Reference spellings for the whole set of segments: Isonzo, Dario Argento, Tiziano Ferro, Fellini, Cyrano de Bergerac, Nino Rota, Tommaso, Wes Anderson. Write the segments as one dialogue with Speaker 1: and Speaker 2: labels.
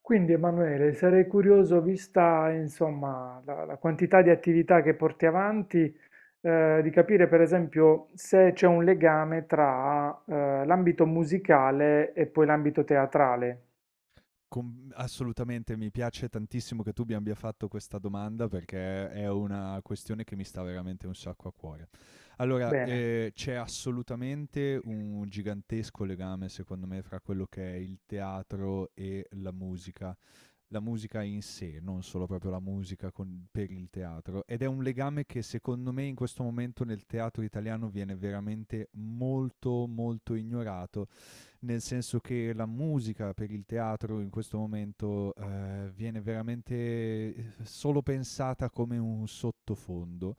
Speaker 1: Quindi Emanuele, sarei curioso, vista insomma la quantità di attività che porti avanti, di capire per esempio se c'è un legame tra l'ambito musicale e poi l'ambito teatrale.
Speaker 2: Assolutamente, mi piace tantissimo che tu mi abbia fatto questa domanda perché è una questione che mi sta veramente un sacco a cuore. Allora,
Speaker 1: Bene.
Speaker 2: c'è assolutamente un gigantesco legame, secondo me, fra quello che è il teatro e la musica. La musica in sé, non solo proprio la per il teatro. Ed è un legame che secondo me in questo momento nel teatro italiano viene veramente molto ignorato, nel senso che la musica per il teatro in questo momento viene veramente solo pensata come un sottofondo,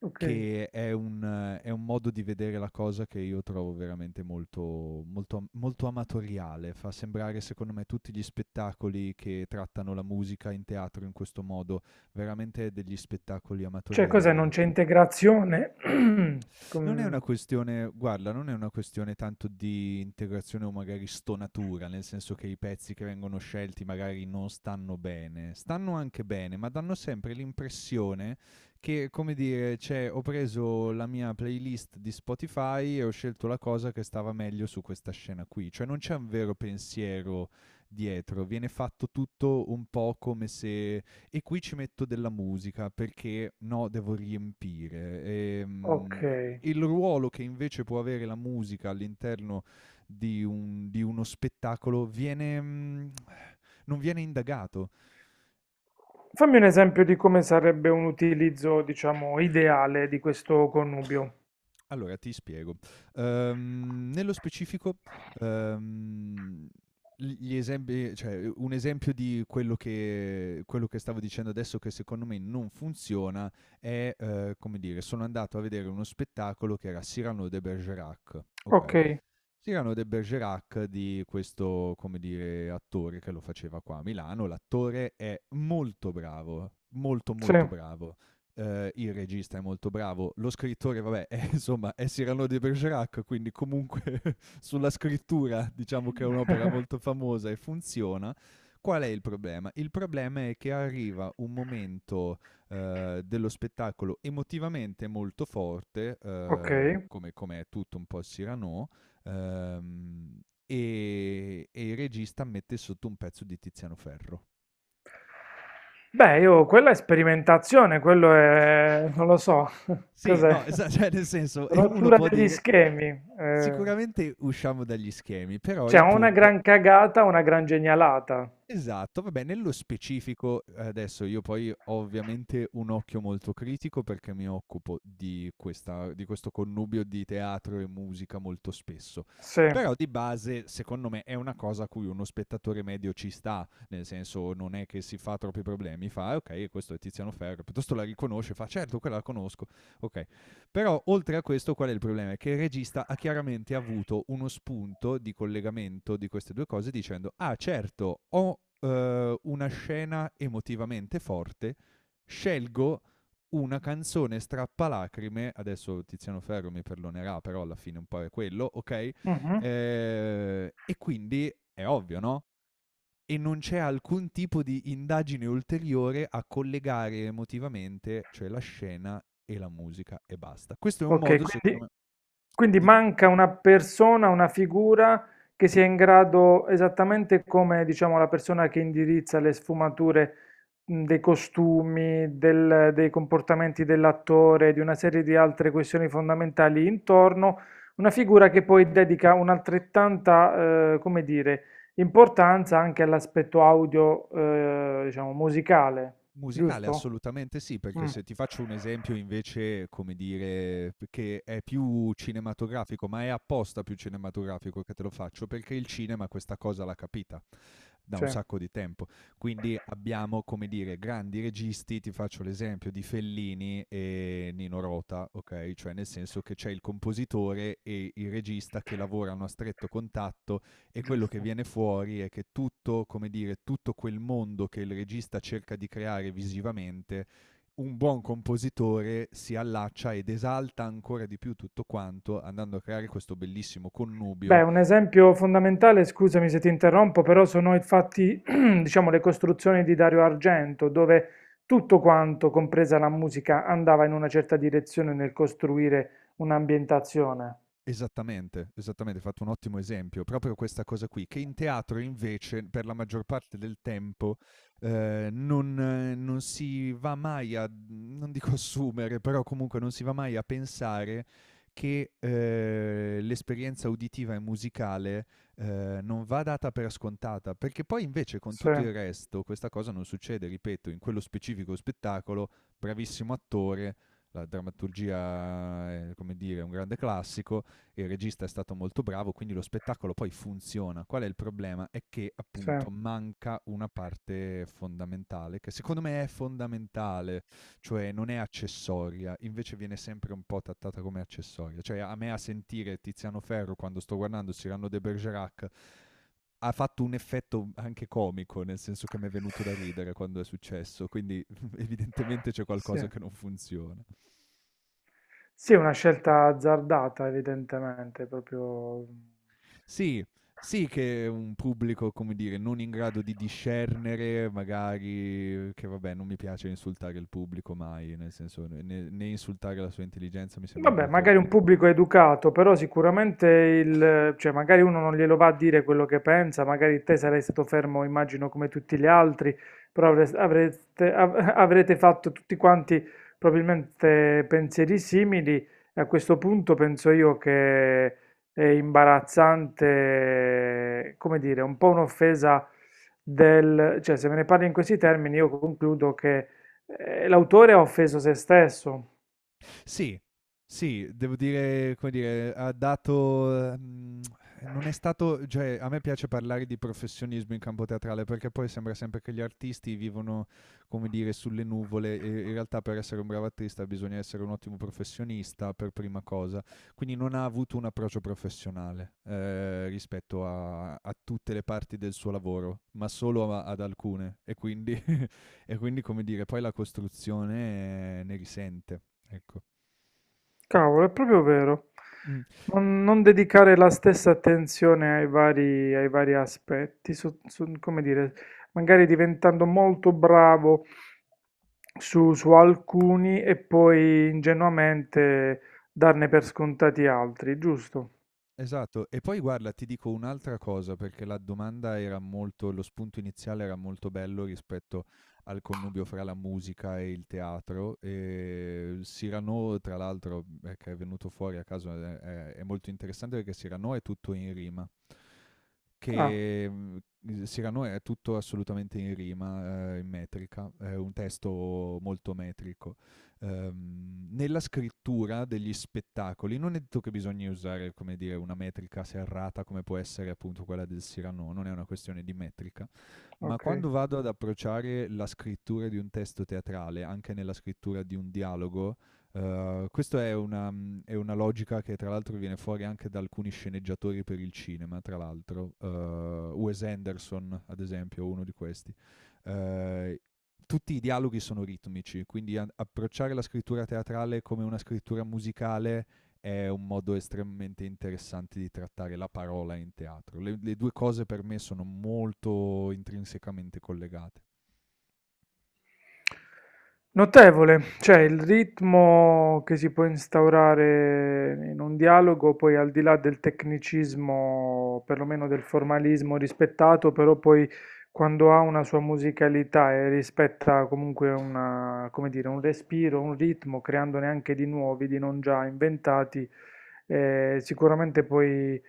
Speaker 1: Ok.
Speaker 2: che è un modo di vedere la cosa che io trovo veramente molto amatoriale. Fa sembrare, secondo me, tutti gli spettacoli che trattano la musica in teatro in questo modo veramente degli spettacoli
Speaker 1: Cioè, cos'è?
Speaker 2: amatoriali.
Speaker 1: Non c'è integrazione?
Speaker 2: Non è una
Speaker 1: Com-
Speaker 2: questione, guarda, non è una questione tanto di integrazione o magari stonatura, nel senso che i pezzi che vengono scelti magari non stanno bene. Stanno anche bene, ma danno sempre l'impressione che, come dire, cioè ho preso la mia playlist di Spotify e ho scelto la cosa che stava meglio su questa scena qui. Cioè non c'è un vero pensiero dietro, viene fatto tutto un po' come se e qui ci metto della musica perché no, devo riempire.
Speaker 1: ok.
Speaker 2: Il ruolo che invece può avere la musica all'interno di uno spettacolo viene, non viene indagato.
Speaker 1: Fammi un esempio di come sarebbe un utilizzo, diciamo, ideale di questo connubio.
Speaker 2: Allora ti spiego. Nello specifico, ehm, gli esempi, cioè, un esempio di quello che stavo dicendo adesso che secondo me non funziona è, come dire, sono andato a vedere uno spettacolo che era Cyrano de Bergerac,
Speaker 1: Ok,
Speaker 2: ok? Sì, erano de Bergerac di questo, come dire, attore che lo faceva qua a Milano. L'attore è molto bravo, molto
Speaker 1: sì.
Speaker 2: molto bravo. Il regista è molto bravo, lo scrittore, vabbè, è, insomma, è Cyrano de Bergerac, quindi comunque sulla scrittura diciamo che è un'opera molto famosa e funziona. Qual è il problema? Il problema è che arriva un momento dello spettacolo emotivamente molto forte,
Speaker 1: Ok.
Speaker 2: come è tutto un po' il Cyrano. Ehm, e il regista mette sotto un pezzo di Tiziano Ferro.
Speaker 1: Beh, io quella è sperimentazione, quello è, non lo so,
Speaker 2: Sì, no,
Speaker 1: cos'è?
Speaker 2: esa cioè nel senso, e uno
Speaker 1: Rottura
Speaker 2: può
Speaker 1: degli
Speaker 2: dire:
Speaker 1: schemi. Eh.
Speaker 2: "Sicuramente usciamo dagli schemi", però
Speaker 1: Cioè,
Speaker 2: il
Speaker 1: o una
Speaker 2: punto...
Speaker 1: gran cagata, o una gran genialata.
Speaker 2: Esatto, vabbè, nello specifico adesso io poi ho ovviamente un occhio molto critico perché mi occupo di questo connubio di teatro e musica molto spesso.
Speaker 1: Sì.
Speaker 2: Però di base secondo me è una cosa a cui uno spettatore medio ci sta, nel senso non è che si fa troppi problemi, fa: "Ah okay, questo è Tiziano Ferro", piuttosto la riconosce, fa: "Certo, quella la conosco". Okay. Però oltre a questo qual è il problema? È che il regista ha chiaramente avuto uno spunto di collegamento di queste due cose dicendo ah certo ho una scena emotivamente forte, scelgo una canzone strappalacrime, adesso Tiziano Ferro mi perdonerà però alla fine un po' è quello, ok?
Speaker 1: Mhm.
Speaker 2: E quindi è ovvio, no? E non c'è alcun tipo di indagine ulteriore a collegare emotivamente, cioè la scena e la musica e basta. Questo è un
Speaker 1: Ok,
Speaker 2: modo, secondo
Speaker 1: quindi,
Speaker 2: me...
Speaker 1: quindi
Speaker 2: Dimmi.
Speaker 1: manca una persona, una figura che sia in grado, esattamente come diciamo la persona che indirizza le sfumature dei costumi, dei comportamenti dell'attore, di una serie di altre questioni fondamentali intorno, una figura che poi dedica un'altrettanta, come dire, importanza anche all'aspetto audio, diciamo, musicale,
Speaker 2: Musicale
Speaker 1: giusto?
Speaker 2: assolutamente sì, perché
Speaker 1: Mm,
Speaker 2: se ti faccio un esempio invece, come dire, che è più cinematografico, ma è apposta più cinematografico che te lo faccio, perché il cinema questa cosa l'ha capita da
Speaker 1: sì,
Speaker 2: un sacco di tempo. Quindi abbiamo, come dire, grandi registi, ti faccio l'esempio di Fellini e Nino Rota, ok? Cioè nel senso che c'è il compositore e il regista che lavorano a stretto contatto e quello che
Speaker 1: giusto.
Speaker 2: viene fuori è che tutto, come dire, tutto quel mondo che il regista cerca di creare visivamente, un buon compositore si allaccia ed esalta ancora di più tutto quanto andando a creare questo bellissimo connubio.
Speaker 1: Beh, un esempio fondamentale, scusami se ti interrompo, però sono infatti, diciamo, le costruzioni di Dario Argento, dove tutto quanto, compresa la musica, andava in una certa direzione nel costruire un'ambientazione.
Speaker 2: Esattamente, esattamente, hai fatto un ottimo esempio. Proprio questa cosa qui, che in teatro invece per la maggior parte del tempo, non si va mai a non dico assumere, però comunque non si va mai a pensare che, l'esperienza uditiva e musicale non va data per scontata, perché poi invece con
Speaker 1: Sì,
Speaker 2: tutto il resto questa cosa non succede, ripeto, in quello specifico spettacolo, bravissimo attore, la drammaturgia è, come dire, un grande classico, il regista è stato molto bravo, quindi lo spettacolo poi funziona. Qual è il problema? È che
Speaker 1: sì,
Speaker 2: appunto manca una parte fondamentale, che secondo me è fondamentale, cioè non è accessoria, invece viene sempre un po' trattata come accessoria. Cioè a me a sentire Tiziano Ferro quando sto guardando Cyrano de Bergerac ha fatto un effetto anche comico, nel senso che mi è venuto da ridere quando è successo, quindi evidentemente c'è
Speaker 1: sì.
Speaker 2: qualcosa che non funziona.
Speaker 1: Sì, è una scelta azzardata, evidentemente, proprio.
Speaker 2: Sì, sì, che è un pubblico, come dire, non in grado di discernere, magari, che vabbè, non mi piace insultare il pubblico mai, nel senso, né insultare la sua intelligenza mi sembra
Speaker 1: Vabbè,
Speaker 2: molto,
Speaker 1: magari un
Speaker 2: molto...
Speaker 1: pubblico educato, però sicuramente il, cioè magari uno non glielo va a dire quello che pensa, magari te sarai stato fermo, immagino, come tutti gli altri, però avrete fatto tutti quanti probabilmente pensieri simili e a questo punto penso io che è imbarazzante, come dire, un po' un'offesa del, cioè se me ne parli in questi termini io concludo che l'autore ha offeso se stesso.
Speaker 2: Sì, sì, devo dire, come dire, ha dato, non è stato... cioè a me piace parlare di professionismo in campo teatrale, perché poi sembra sempre che gli artisti vivono, come dire, sulle nuvole e in realtà per essere un bravo artista bisogna essere un ottimo professionista per prima cosa. Quindi non ha avuto un approccio professionale, rispetto a tutte le parti del suo lavoro, ma solo a ad alcune e quindi e quindi, come dire, poi la costruzione ne risente. Ecco.
Speaker 1: Cavolo, è proprio vero.
Speaker 2: Mm,
Speaker 1: Non dedicare la stessa attenzione ai ai vari aspetti, come dire, magari diventando molto bravo su, su alcuni e poi ingenuamente darne per scontati altri, giusto?
Speaker 2: esatto, e poi guarda, ti dico un'altra cosa perché la domanda era molto, lo spunto iniziale era molto bello rispetto al connubio fra la musica e il teatro. E Cyrano, tra l'altro, che è venuto fuori a caso, è molto interessante perché Cyrano è tutto in rima.
Speaker 1: Ah,
Speaker 2: Che mm, Cyrano è tutto assolutamente in rima, in metrica, è un testo molto metrico. Nella scrittura degli spettacoli non è detto che bisogna usare, come dire, una metrica serrata come può essere appunto quella del Cyrano, non è una questione di metrica, ma
Speaker 1: ok.
Speaker 2: quando vado ad approcciare la scrittura di un testo teatrale, anche nella scrittura di un dialogo, questa è una logica che tra l'altro viene fuori anche da alcuni sceneggiatori per il cinema, tra l'altro. Wes Anderson, ad esempio, è uno di questi. Eh, Tutti i dialoghi sono ritmici, quindi approcciare la scrittura teatrale come una scrittura musicale è un modo estremamente interessante di trattare la parola in teatro. Le due cose per me sono molto intrinsecamente collegate.
Speaker 1: Notevole, cioè il ritmo che si può instaurare in un dialogo, poi al di là del tecnicismo, perlomeno del formalismo rispettato, però poi quando ha una sua musicalità e rispetta comunque una, come dire, un respiro, un ritmo, creandone anche di nuovi, di non già inventati, sicuramente poi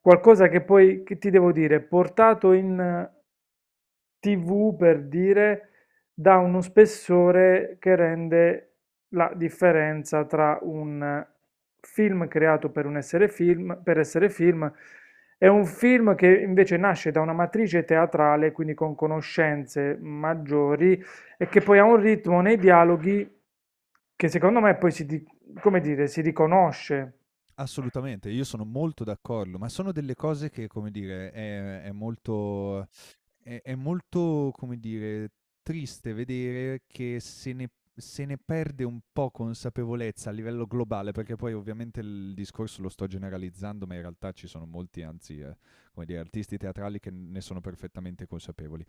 Speaker 1: qualcosa che poi, che ti devo dire, portato in TV per dire, dà uno spessore che rende la differenza tra un film creato per un essere film, per essere film e un film che invece nasce da una matrice teatrale, quindi con conoscenze maggiori e che poi ha un ritmo nei dialoghi che secondo me poi si, come dire, si riconosce.
Speaker 2: Assolutamente, io sono molto d'accordo, ma sono delle cose che, come dire, è molto, come dire, triste vedere che se ne se ne perde un po' consapevolezza a livello globale, perché poi ovviamente il discorso lo sto generalizzando, ma in realtà ci sono molti, anzi, come dire, artisti teatrali che ne sono perfettamente consapevoli.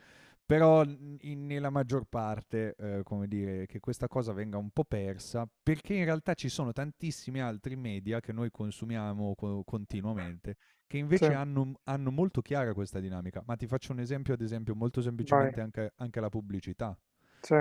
Speaker 2: Però nella maggior parte, come dire, che questa cosa venga un po' persa, perché in realtà ci sono tantissimi altri media che noi consumiamo continuamente, che
Speaker 1: Sì,
Speaker 2: invece hanno molto chiara questa dinamica. Ma ti faccio un esempio, ad esempio, molto
Speaker 1: vai,
Speaker 2: semplicemente anche la pubblicità.
Speaker 1: sì,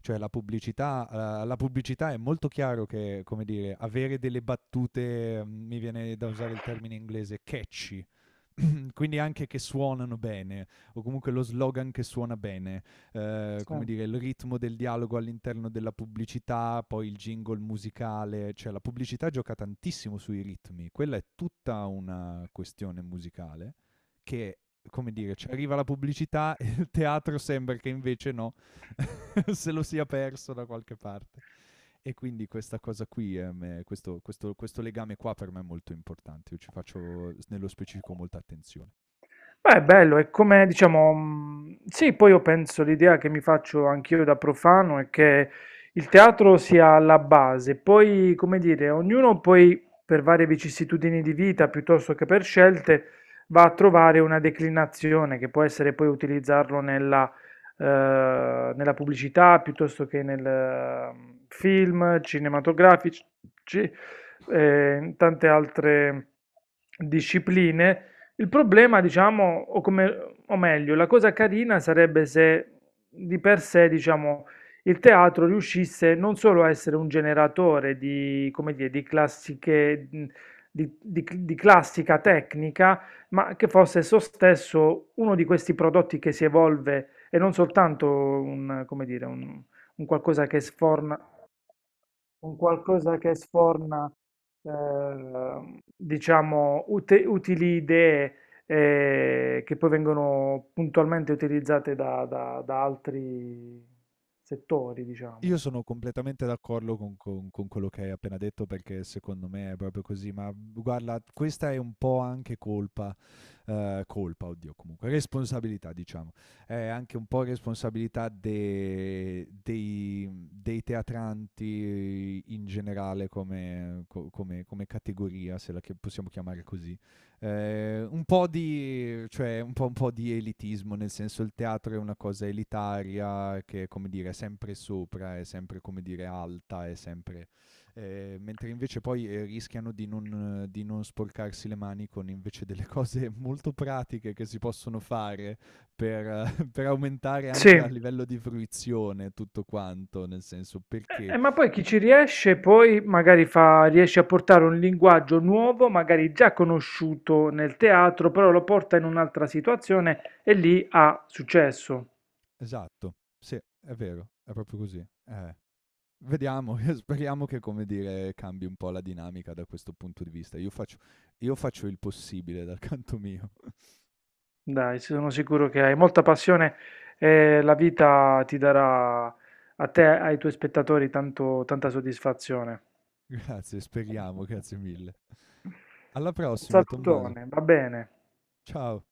Speaker 2: Cioè la pubblicità è molto chiaro che, come dire, avere delle battute, mi viene da usare il termine inglese, catchy, quindi anche che suonano bene, o comunque lo slogan che suona bene, come
Speaker 1: sì.
Speaker 2: dire, il ritmo del dialogo all'interno della pubblicità, poi il jingle musicale, cioè la pubblicità gioca tantissimo sui ritmi, quella è tutta una questione musicale che, come dire, ci arriva la pubblicità e il teatro sembra che invece no, se lo sia perso da qualche parte. E quindi questa cosa qui, questo legame qua per me è molto importante, io ci faccio nello specifico molta attenzione.
Speaker 1: Beh, è bello, è come diciamo, sì, poi io penso l'idea che mi faccio anch'io da profano è che il teatro sia la base, poi, come dire, ognuno poi per varie vicissitudini di vita piuttosto che per scelte va a trovare una declinazione che può essere poi utilizzarlo nella, eh, nella pubblicità piuttosto che nel film cinematografici, ci- in tante altre discipline. Il problema, diciamo, o come o meglio, la cosa carina sarebbe se di per sé, diciamo, il teatro riuscisse non solo a essere un generatore di, come dire, di classiche, di, di classica tecnica, ma che fosse esso stesso uno di questi prodotti che si evolve e non soltanto un, come dire, un qualcosa che sforna un qualcosa che sforna, diciamo, utili idee che poi vengono puntualmente utilizzate da, da altri settori,
Speaker 2: Io
Speaker 1: diciamo.
Speaker 2: sono completamente d'accordo con quello che hai appena detto perché secondo me è proprio così, ma guarda, questa è un po' anche colpa, colpa, oddio, comunque, responsabilità diciamo, è anche un po' responsabilità dei teatranti in generale come, come categoria, se la possiamo chiamare così. Un po' di cioè un po' di elitismo, nel senso il teatro è una cosa elitaria che, come dire, è sempre sopra, è sempre, come dire, alta, è sempre mentre invece poi, rischiano di non sporcarsi le mani con invece delle cose molto pratiche che si possono fare per per aumentare
Speaker 1: Sì.
Speaker 2: anche a livello di fruizione tutto quanto, nel senso perché...
Speaker 1: Ma poi chi ci riesce poi magari fa, riesce a portare un linguaggio nuovo, magari già conosciuto nel teatro, però lo porta in un'altra situazione e lì ha successo.
Speaker 2: Esatto, sì, è vero, è proprio così, eh. Vediamo, speriamo che, come dire, cambi un po' la dinamica da questo punto di vista. Io faccio il possibile dal canto mio.
Speaker 1: Dai, sono sicuro che hai molta passione e la vita ti darà a te e ai tuoi spettatori tanta soddisfazione.
Speaker 2: Grazie, speriamo, grazie mille. Alla
Speaker 1: Un
Speaker 2: prossima, Tommaso.
Speaker 1: salutone, va bene.
Speaker 2: Ciao.